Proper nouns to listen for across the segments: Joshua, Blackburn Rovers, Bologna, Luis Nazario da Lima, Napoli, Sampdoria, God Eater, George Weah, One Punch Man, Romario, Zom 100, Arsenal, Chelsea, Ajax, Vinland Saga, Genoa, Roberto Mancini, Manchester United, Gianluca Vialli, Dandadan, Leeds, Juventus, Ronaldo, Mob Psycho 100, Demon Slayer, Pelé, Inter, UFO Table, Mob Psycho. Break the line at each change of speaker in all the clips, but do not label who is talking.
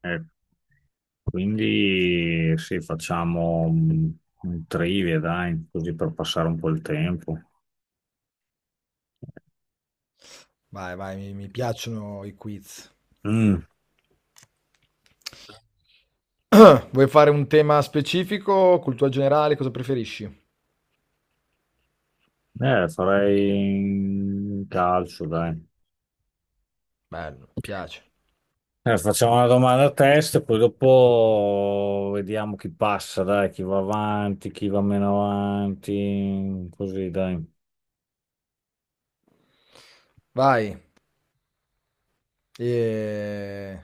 Ecco, quindi sì, facciamo un trivia, dai, così per passare un po' il tempo.
Vai, vai, mi piacciono i quiz.
Mm,
Vuoi fare un tema specifico, cultura generale, cosa preferisci?
Farei calcio, dai.
Bello, mi piace.
Facciamo una domanda a testa, poi dopo vediamo chi passa, dai, chi va avanti, chi va meno avanti, così, dai.
Vai. E...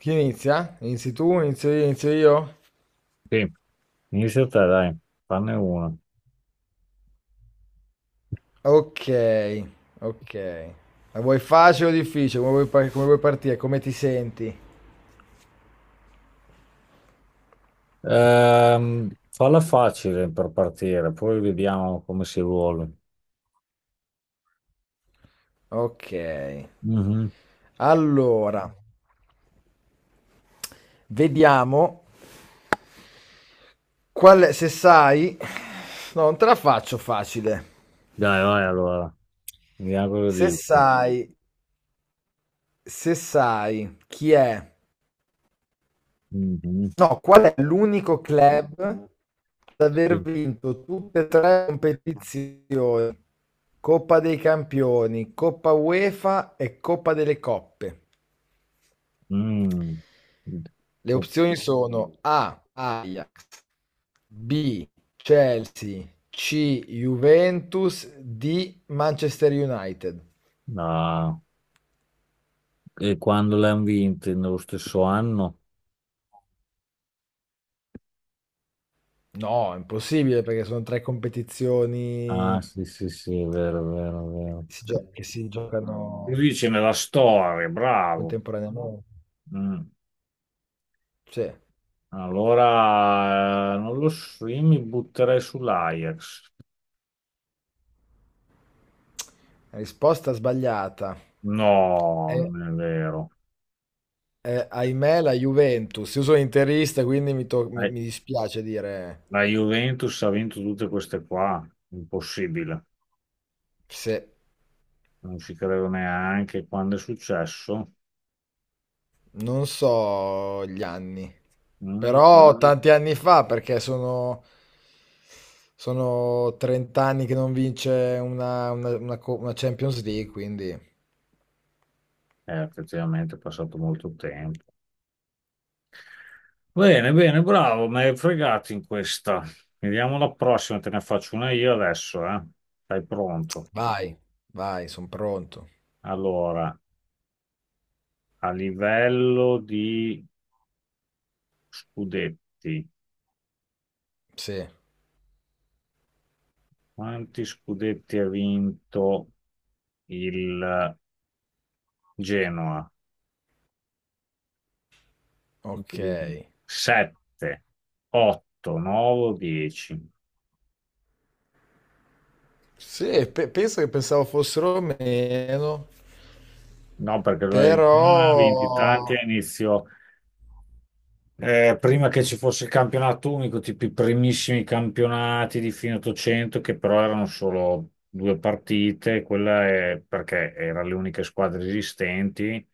Chi inizia? Inizi tu, inizio io, inizio io?
Sì, inizia te, dai, fanne una.
Ok, ok. La vuoi facile o difficile? Come vuoi, come vuoi partire? Come ti senti?
Falla facile per partire, poi vediamo come si vuole.
Ok.
Mhm.
Allora, vediamo se sai... No, non te la faccio facile.
Dai, vai allora. Mi auguro
Se
di.
sai se sai chi è,
Mhm,
no, qual è l'unico club ad aver
sì.
vinto tutte e tre le competizioni, Coppa dei Campioni, Coppa UEFA e Coppa delle Coppe.
Mm.
Le
Co-
opzioni sono A, Ajax, B, Chelsea, C, Juventus, D, Manchester United.
Ah, e quando l'hanno vinto? Nello stesso anno?
No, è impossibile perché sono tre competizioni
Ah, sì, sì, sì, è vero, è vero, è vero.
che si giocano.
Lui dice nella storia, bravo.
Contemporaneamente.
Mm.
Sì.
Allora, non lo so, io mi butterei sull'Ajax.
La risposta sbagliata.
No,
Eh,
non è vero.
ahimè, la Juventus. Io sono interista, quindi mi, to- mi-
Eh,
mi dispiace dire
La Juventus ha vinto tutte queste qua, impossibile.
se
Non ci credo neanche quando è successo.
non so gli anni. Però tanti anni fa, perché sono 30 anni che non vince una Champions League, quindi
Effettivamente è passato molto tempo. Bene, bene, bravo, mi hai fregato in questa. Vediamo la prossima, te ne faccio una io adesso, eh. Sei pronto?
vai, vai, sono pronto.
Allora, a livello di scudetti,
Sì,
quanti scudetti ha vinto il Genoa?
ok.
7, 8, 9, 10.
Sì, penso che pensavo fossero meno,
No, perché il Genoa ha vinti tanti
però...
a inizio. Prima che ci fosse il campionato unico, tipo i primissimi campionati di fine 800, che però erano solo due partite, quella è perché erano le uniche squadre esistenti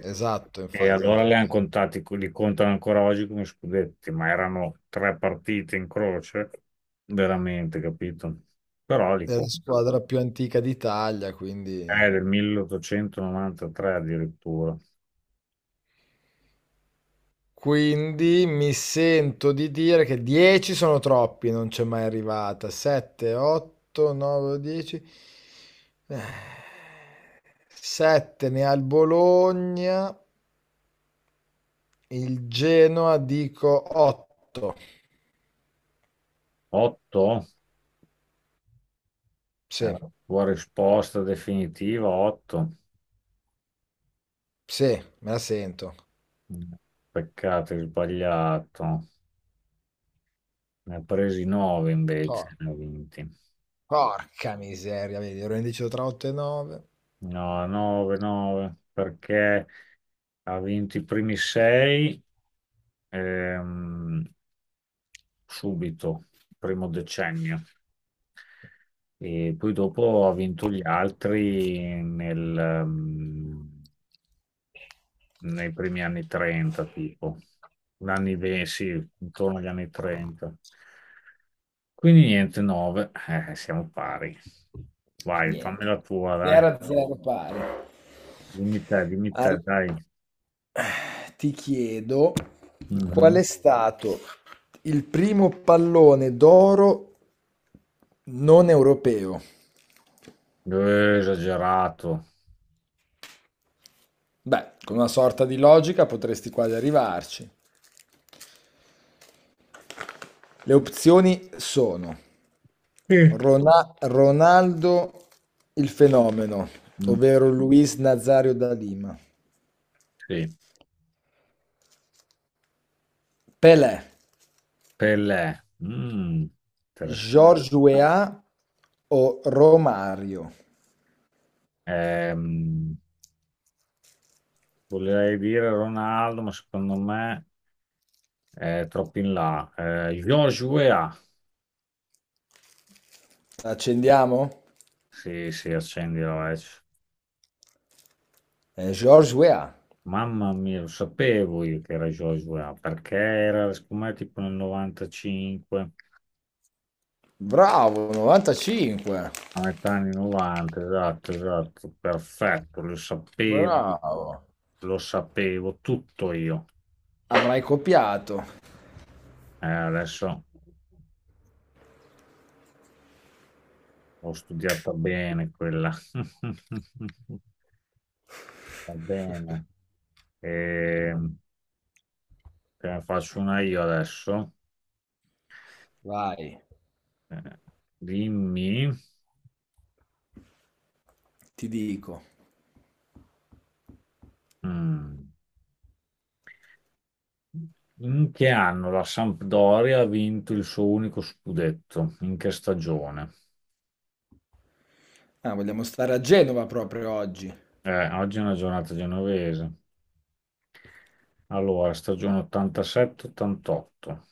Esatto,
e
infa- esatto,
allora le hanno
infatti,
contati, li contano ancora oggi come scudetti, ma erano tre partite in croce, veramente, capito? Però li
è la
contano.
squadra più antica d'Italia, quindi...
È del 1893 addirittura.
Quindi mi sento di dire che 10 sono troppi, non c'è mai arrivata. 7, 8, 9, 10. 7 ne ha il Bologna, il Genoa dico 8.
8 è
Sì,
la tua risposta definitiva, 8.
sì, me la sento.
Mm. Peccato, hai sbagliato. Ne ha presi 9 invece, ne ha vinti.
Porca miseria, vedi, ero indeciso tra 8 e 9.
No, 9, 9, perché ha vinto i primi 6 subito, primo decennio. E poi dopo ha vinto gli altri nei primi anni 30, tipo, gli anni 20, sì, intorno agli anni 30. Quindi niente, 9, siamo pari. Vai, fammi
Niente.
la tua, dai.
0 a 0 pari.
Dimmi te,
Al-
dai.
Ti chiedo qual
Mhm.
è stato il primo pallone d'oro non europeo?
Esagerato.
Beh, con una sorta di logica potresti quasi arrivarci. Le opzioni sono
Mm.
Ronaldo il fenomeno,
Mm,
ovvero Luis Nazario da Lima,
sì,
Pelé,
Pelé. Mm,
George
interessante.
o Romario?
Ehm, Volevo dire Ronaldo, ma secondo me è troppo in là. Joshua.
Accendiamo?
Sì, sì, accendi la vecchia.
George Weah.
Mamma mia, lo sapevo io che era George Weah, perché era, secondo me, tipo nel 95,
Bravo, 95.
a metà anni 90, esatto, esatto, perfetto,
Bravo.
lo sapevo tutto io.
Avrai copiato.
Adesso ho studiata bene quella. Va bene. E, te ne faccio una io adesso.
Vai,
Eh, Dimmi.
ti dico.
Mm. In che anno la Sampdoria ha vinto il suo unico scudetto? In che stagione?
Ah, vogliamo stare a Genova proprio oggi.
Oggi è una giornata genovese. Allora, stagione 87-88,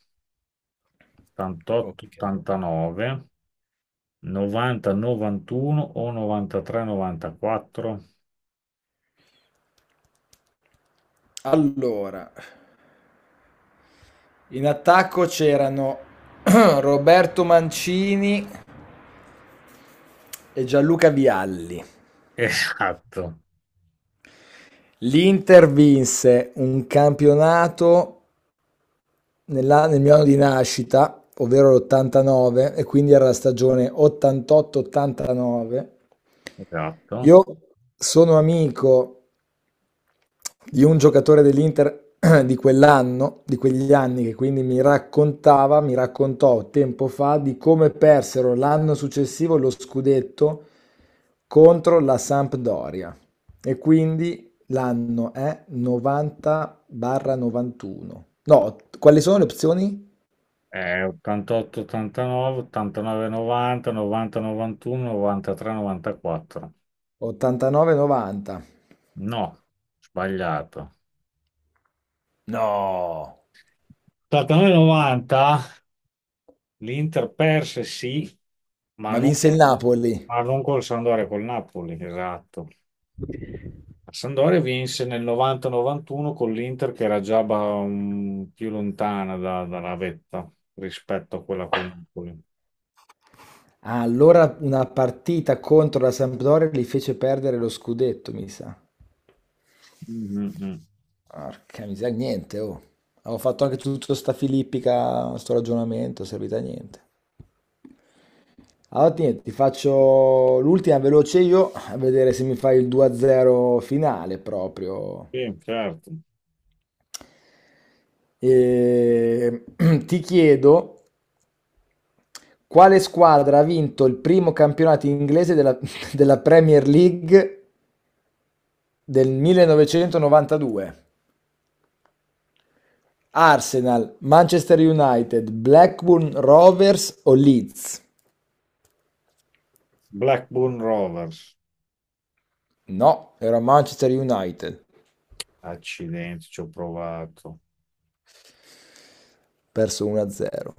Ok.
88-89, 90-91 o 93-94?
Allora, in attacco c'erano Roberto Mancini e Gianluca Vialli.
Esatto,
L'Inter vinse un campionato nel mio anno di nascita, ovvero l'89, e quindi era la stagione 88-89.
esatto.
Io sono amico di un giocatore dell'Inter di quell'anno, di quegli anni, che quindi mi raccontava, mi raccontò tempo fa di come persero l'anno successivo lo scudetto contro la Sampdoria. E quindi l'anno è 90-91. No, quali sono le opzioni?
88-89, 89-90, 90-91, 93-94.
89-90.
No, sbagliato.
No!
89-90 l'Inter perse sì, ma
Ma
non,
vinse il Napoli.
ma non col Sampdoria, col Napoli, esatto. La Sampdoria vinse nel 90-91 con l'Inter che era già più lontana dalla vetta rispetto a quella col Napoli.
Ah, allora una partita contro la Sampdoria gli fece perdere lo scudetto, mi sa.
Mm, mm, mm.
Porca miseria, niente, oh. Avevo fatto anche tutto sta filippica, sto ragionamento, è servita a niente. Allora, niente, ti faccio l'ultima veloce io, a vedere se mi fai il 2-0 finale proprio.
Sì, certo.
E... Ti chiedo, quale squadra ha vinto il primo campionato inglese della, della, Premier League del 1992? Arsenal, Manchester United, Blackburn Rovers o Leeds?
Blackburn Rovers,
No, era Manchester United,
accidenti, ci ho provato.
perso 1-0.